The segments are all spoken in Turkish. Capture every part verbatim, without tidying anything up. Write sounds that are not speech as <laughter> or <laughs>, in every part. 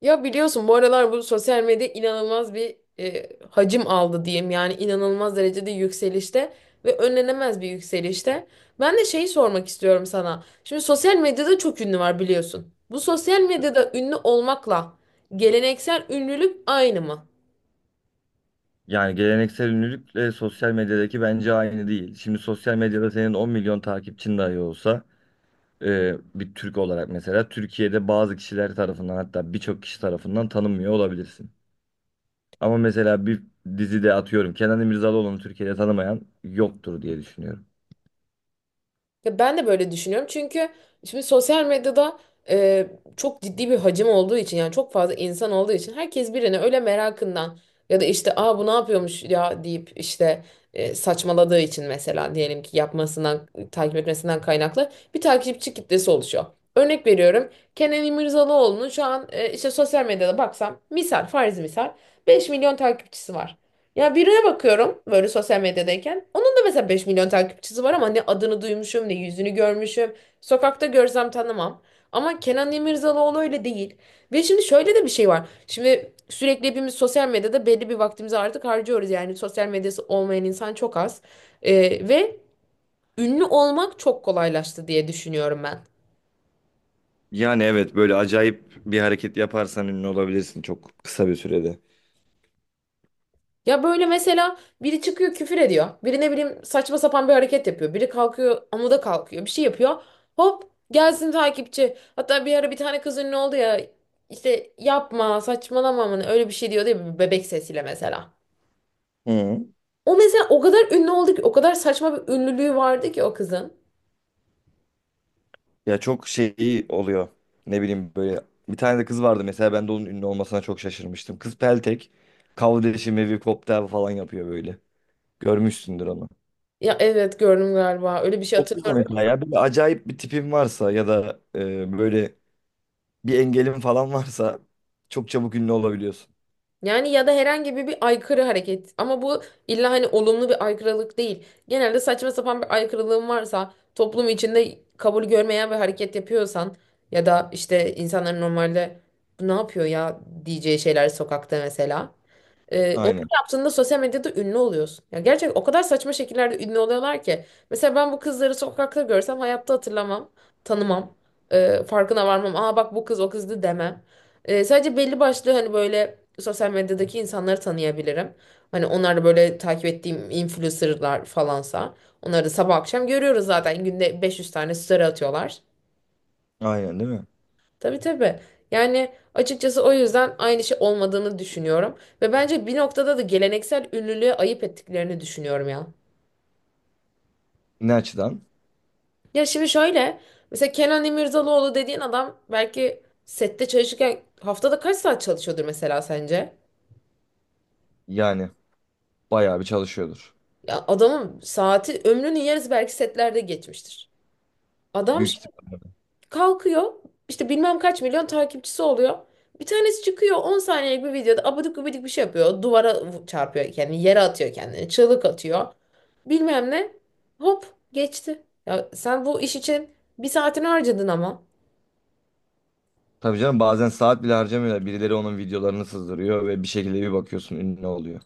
Ya biliyorsun bu aralar bu sosyal medya inanılmaz bir e, hacim aldı diyeyim. Yani inanılmaz derecede yükselişte ve önlenemez bir yükselişte. Ben de şeyi sormak istiyorum sana. Şimdi sosyal medyada çok ünlü var biliyorsun. Bu sosyal medyada ünlü olmakla geleneksel ünlülük aynı mı? Yani geleneksel ünlülükle sosyal medyadaki bence aynı değil. Şimdi sosyal medyada senin on milyon takipçin dahi olsa e, bir Türk olarak mesela Türkiye'de bazı kişiler tarafından hatta birçok kişi tarafından tanınmıyor olabilirsin. Ama mesela bir dizide atıyorum Kenan İmirzalıoğlu'nu Türkiye'de tanımayan yoktur diye düşünüyorum. Ya ben de böyle düşünüyorum çünkü şimdi sosyal medyada e, çok ciddi bir hacim olduğu için yani çok fazla insan olduğu için herkes birini öyle merakından ya da işte aa bu ne yapıyormuş ya deyip işte e, saçmaladığı için mesela diyelim ki yapmasından takip etmesinden kaynaklı bir takipçi kitlesi oluşuyor. Örnek veriyorum, Kenan İmirzalıoğlu'nun şu an e, işte sosyal medyada baksam misal farz misal beş milyon takipçisi var. Ya birine bakıyorum böyle sosyal medyadayken. Onun da mesela beş milyon takipçisi var ama ne adını duymuşum ne yüzünü görmüşüm. Sokakta görsem tanımam. Ama Kenan İmirzalıoğlu öyle değil. Ve şimdi şöyle de bir şey var. Şimdi sürekli hepimiz sosyal medyada belli bir vaktimizi artık harcıyoruz. Yani sosyal medyası olmayan insan çok az. Ee, ve ünlü olmak çok kolaylaştı diye düşünüyorum ben. Yani evet, böyle acayip bir hareket yaparsan ünlü olabilirsin çok kısa bir sürede. Ya böyle mesela biri çıkıyor küfür ediyor. Biri ne bileyim saçma sapan bir hareket yapıyor. Biri kalkıyor amuda kalkıyor. Bir şey yapıyor. Hop gelsin takipçi. Hatta bir ara bir tane kız ünlü oldu ya. İşte yapma saçmalama mı ne, öyle bir şey diyordu ya bir bebek sesiyle mesela. Hı. O mesela o kadar ünlü oldu ki, o kadar saçma bir ünlülüğü vardı ki o kızın. Ya çok şey oluyor. Ne bileyim, böyle bir tane de kız vardı mesela, ben de onun ünlü olmasına çok şaşırmıştım. Kız peltek, kavdeşi, mevi, koptel falan yapıyor böyle. Görmüşsündür onu. Ya evet gördüm, galiba öyle bir şey O kız da hatırlıyorum. mesela, ya böyle acayip bir tipim varsa ya da e, böyle bir engelim falan varsa çok çabuk ünlü olabiliyorsun. Yani ya da herhangi bir, bir aykırı hareket. Ama bu illa hani olumlu bir aykırılık değil. Genelde saçma sapan bir aykırılığın varsa, toplum içinde kabul görmeyen bir hareket yapıyorsan ya da işte insanların normalde bu ne yapıyor ya diyeceği şeyler sokakta mesela. Ee, onu Aynen. yaptığında sosyal medyada ünlü oluyorsun. Ya gerçekten o kadar saçma şekillerde ünlü oluyorlar ki. Mesela ben bu kızları sokakta görsem hayatta hatırlamam, tanımam, Ee, farkına varmam. Aa bak bu kız o kızdı demem. Ee, sadece belli başlı hani böyle sosyal medyadaki insanları tanıyabilirim. Hani onlar da böyle takip ettiğim influencerlar falansa. Onları da sabah akşam görüyoruz zaten. Günde beş yüz tane story atıyorlar. Aynen değil mi? Tabii tabii. Yani açıkçası o yüzden aynı şey olmadığını düşünüyorum. Ve bence bir noktada da geleneksel ünlülüğe ayıp ettiklerini düşünüyorum ya. Ne açıdan? Ya şimdi şöyle. Mesela Kenan İmirzalıoğlu dediğin adam belki sette çalışırken haftada kaç saat çalışıyordur mesela sence? Yani bayağı bir çalışıyordur. Ya adamın saati ömrünün yarısı belki setlerde geçmiştir. Adam Büyük şimdi ihtimal. kalkıyor, işte bilmem kaç milyon takipçisi oluyor. Bir tanesi çıkıyor on saniyelik bir videoda abidik gubidik bir şey yapıyor. Duvara vu- çarpıyor kendini, yere atıyor kendini, çığlık atıyor. Bilmem ne. Hop geçti. Ya sen bu iş için bir saatini harcadın ama. Tabii canım, bazen saat bile harcamıyorlar. Birileri onun videolarını sızdırıyor ve bir şekilde bir bakıyorsun ünlü oluyor.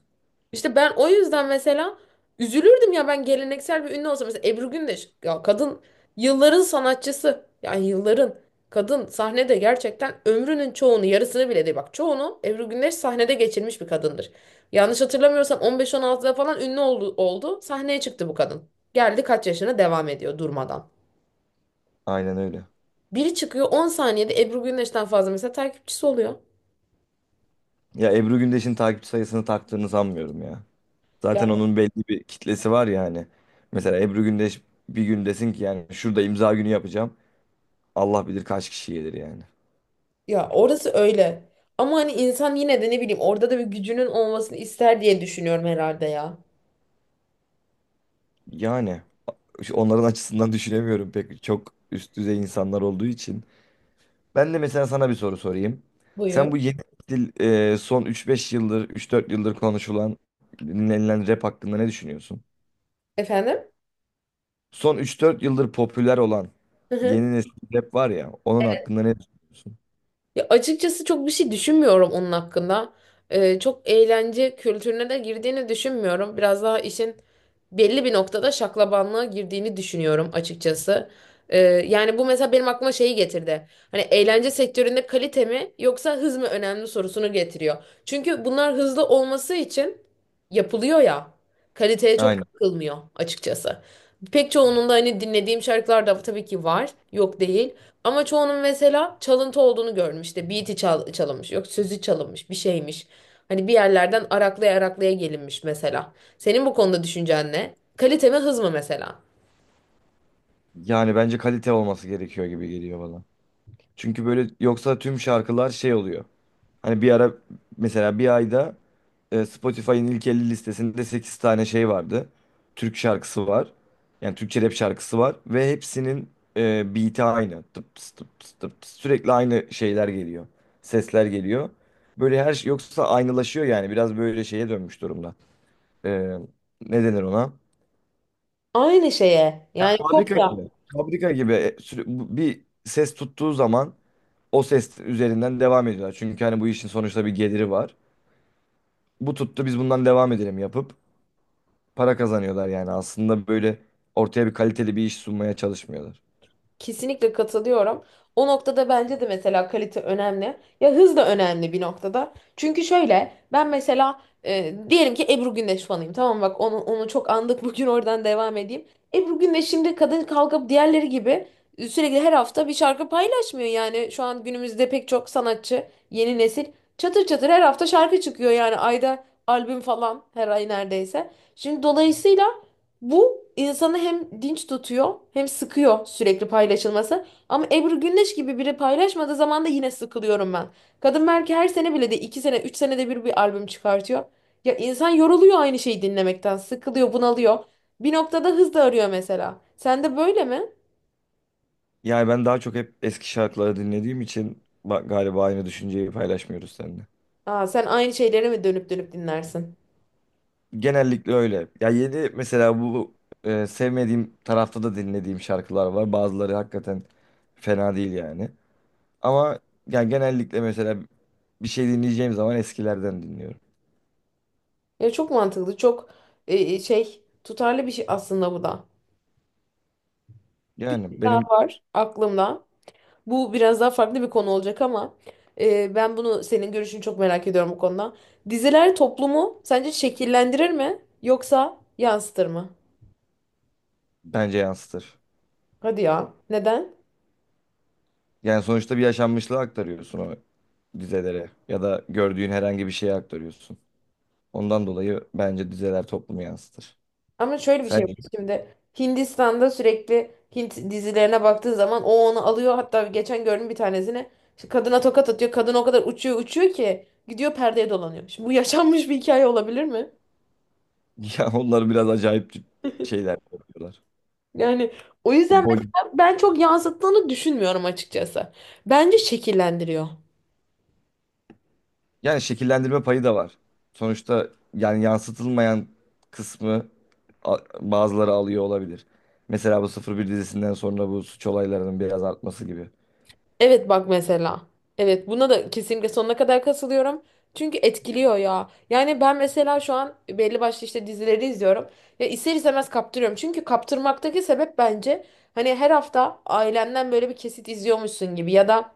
İşte ben o yüzden mesela üzülürdüm ya ben geleneksel bir ünlü olsam. Mesela Ebru Gündeş, ya kadın yılların sanatçısı. Yani yılların, kadın sahnede gerçekten ömrünün çoğunu, yarısını bile değil, bak çoğunu Ebru Gündeş sahnede geçirmiş bir kadındır. Yanlış hatırlamıyorsam on beş on altıda falan ünlü oldu, oldu. Sahneye çıktı bu kadın. Geldi kaç yaşına, devam ediyor durmadan. Aynen öyle. Biri çıkıyor on saniyede Ebru Gündeş'ten fazla mesela takipçisi oluyor. Ya Ebru Gündeş'in takipçi sayısını taktığını sanmıyorum ya. Zaten onun belli bir kitlesi var ya hani. Mesela Ebru Gündeş bir gün desin ki yani, şurada imza günü yapacağım. Allah bilir kaç kişi gelir yani. Ya orası öyle. Ama hani insan yine de ne bileyim orada da bir gücünün olmasını ister diye düşünüyorum herhalde ya. Yani şu- onların açısından <laughs> düşünemiyorum, pek çok üst düzey insanlar olduğu için. Ben de mesela sana bir soru sorayım. Sen Buyur. bu yeni dil, e, son üç beş yıldır, üç dört yıldır konuşulan, dinlenilen rap hakkında ne düşünüyorsun? Efendim? Son üç dört yıldır popüler olan Hı hı. yeni nesil rap var ya, onun hakkında ne düşünüyorsun? Ya açıkçası çok bir şey düşünmüyorum onun hakkında. Ee, çok eğlence kültürüne de girdiğini düşünmüyorum. Biraz daha işin belli bir noktada şaklabanlığa girdiğini düşünüyorum açıkçası. Ee, Yani bu mesela benim aklıma şeyi getirdi. Hani eğlence sektöründe kalite mi yoksa hız mı önemli sorusunu getiriyor. Çünkü bunlar hızlı olması için yapılıyor ya. Kaliteye çok Aynen. bakılmıyor açıkçası. Pek çoğunun da hani dinlediğim şarkılar da tabii ki var. Yok değil. Ama çoğunun mesela çalıntı olduğunu görmüş. İşte beat'i çal çalınmış. Yok sözü çalınmış. Bir şeymiş. Hani bir yerlerden araklaya araklaya gelinmiş mesela. Senin bu konuda düşüncen ne? Kalite mi hız mı mesela? Yani bence kalite olması gerekiyor gibi geliyor bana. Çünkü böyle yoksa tüm şarkılar şey oluyor. Hani bir ara mesela bir ayda E, Spotify'ın ilk elli listesinde sekiz tane şey vardı. Türk şarkısı var. Yani Türkçe rap şarkısı var. Ve hepsinin e, beat'i aynı. Tıp tıs, tıp tıs, tıp tıs. Sürekli aynı şeyler geliyor. Sesler geliyor. Böyle her şey yoksa aynılaşıyor yani. Biraz böyle şeye dönmüş durumda. E, ne denir ona? Aynı şeye. Yani Fabrika kopya. gibi. Fabrika gibi. E, sü- bu- bir ses tuttuğu zaman o ses üzerinden devam ediyorlar. Çünkü hani bu işin sonuçta bir geliri var. Bu tuttu, biz bundan devam edelim yapıp para kazanıyorlar yani. Aslında böyle ortaya bir kaliteli bir iş sunmaya çalışmıyorlar. Kesinlikle katılıyorum. O noktada bence de mesela kalite önemli. Ya hız da önemli bir noktada. Çünkü şöyle ben mesela e, diyelim ki Ebru Gündeş fanıyım. Tamam bak, onu onu çok andık <laughs> bugün, oradan devam edeyim. Ebru Gündeş şimdi kadın kalkıp diğerleri gibi sürekli her hafta bir şarkı paylaşmıyor. Yani şu an günümüzde pek çok sanatçı yeni nesil çatır çatır her hafta şarkı çıkıyor. Yani ayda albüm falan, her ay neredeyse. Şimdi dolayısıyla bu insanı hem dinç tutuyor hem sıkıyor sürekli paylaşılması. Ama Ebru Gündeş gibi biri paylaşmadığı zaman da yine sıkılıyorum ben. Kadın belki her sene bile de, iki sene üç senede bir bir albüm çıkartıyor. Ya insan yoruluyor aynı şeyi dinlemekten. Sıkılıyor, bunalıyor. Bir noktada hız da arıyor mesela. Sen de böyle mi? Yani ben daha çok hep eski şarkıları dinlediğim için ba- galiba aynı düşünceyi paylaşmıyoruz seninle. Aa, sen aynı şeyleri mi dönüp dönüp dinlersin? Genellikle öyle. Ya yeni mesela bu e, sevmediğim tarafta da dinlediğim şarkılar var. Bazıları hakikaten fena değil yani. Ama yani genellikle mesela bir şey dinleyeceğim zaman eskilerden dinliyorum. Ya çok mantıklı, çok e, e, şey tutarlı bir şey aslında bu da. Bir Yani daha benim, var aklımda. Bu biraz daha farklı bir konu olacak ama e, ben bunu, senin görüşünü çok merak ediyorum bu konuda. Diziler toplumu sence şekillendirir mi yoksa yansıtır mı? bence yansıtır. Hadi ya. Neden? Yani sonuçta bir yaşanmışlığı aktarıyorsun o dizelere, ya da gördüğün herhangi bir şeye aktarıyorsun. Ondan dolayı bence dizeler toplumu yansıtır. Ama şöyle bir şey var Sen <laughs> şimdi. Hindistan'da sürekli Hint dizilerine baktığın zaman o onu alıyor. Hatta geçen gördüm bir tanesini. İşte kadına tokat atıyor. Kadın o kadar uçuyor uçuyor ki gidiyor perdeye dolanıyor. Şimdi bu <laughs> yaşanmış bir hikaye olabilir mi? ya onlar biraz acayip şeyler yapıyorlar. Yani o O yüzden bol, mesela ben çok yansıttığını düşünmüyorum açıkçası. Bence şekillendiriyor. yani şekillendirme payı da var. Sonuçta yani yansıtılmayan kısmı a- bazıları alıyor olabilir. Mesela bu Sıfır Bir dizisinden sonra bu suç olaylarının biraz artması gibi. Evet bak mesela. Evet, buna da kesinlikle sonuna kadar katılıyorum. Çünkü etkiliyor ya. Yani ben mesela şu an belli başlı işte dizileri izliyorum. Ya ister istemez kaptırıyorum. Çünkü kaptırmaktaki sebep bence, hani her hafta ailenden böyle bir kesit izliyormuşsun gibi ya da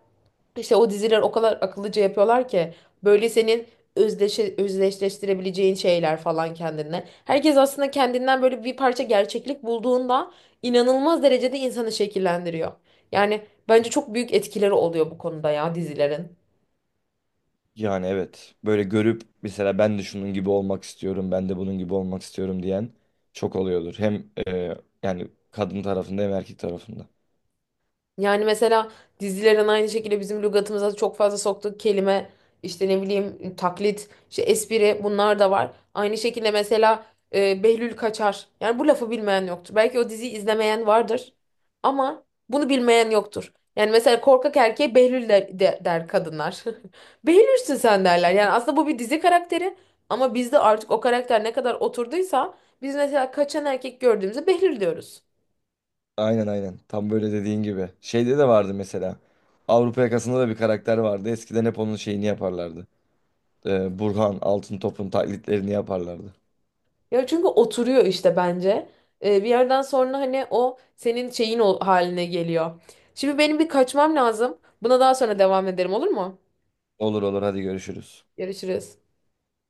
İşte o diziler o kadar akıllıca yapıyorlar ki böyle senin özdeşe, özdeşleştirebileceğin şeyler falan kendine. Herkes aslında kendinden böyle bir parça gerçeklik bulduğunda inanılmaz derecede insanı şekillendiriyor. Yani bence çok büyük etkileri oluyor bu konuda ya dizilerin. Yani evet. Böyle görüp mesela ben de şunun gibi olmak istiyorum, ben de bunun gibi olmak istiyorum diyen çok oluyordur. Hem e, yani kadın tarafında hem erkek tarafında. Yani mesela dizilerin aynı şekilde bizim lügatımıza çok fazla soktuğu kelime, işte ne bileyim taklit, işte espri bunlar da var. Aynı şekilde mesela e, Behlül Kaçar. Yani bu lafı bilmeyen yoktur. Belki o diziyi izlemeyen vardır ama bunu bilmeyen yoktur. Yani mesela korkak erkeğe Behlül der, de- der kadınlar. <laughs> Behlülsün sen derler. Yani aslında bu bir dizi karakteri ama bizde artık o karakter ne kadar oturduysa biz mesela kaçan erkek gördüğümüzde Behlül diyoruz. Aynen aynen. Tam böyle dediğin gibi. Şeyde de vardı mesela. Avrupa Yakası'nda da bir karakter vardı. Eskiden hep onun şeyini yaparlardı. E, Burhan Altıntop'un taklitlerini yaparlardı. Ya çünkü oturuyor işte bence. Ee, bir yerden sonra hani o senin şeyin ol- haline geliyor. Şimdi benim bir kaçmam lazım. Buna daha sonra devam ederim, olur mu? Olur olur, hadi görüşürüz. Görüşürüz.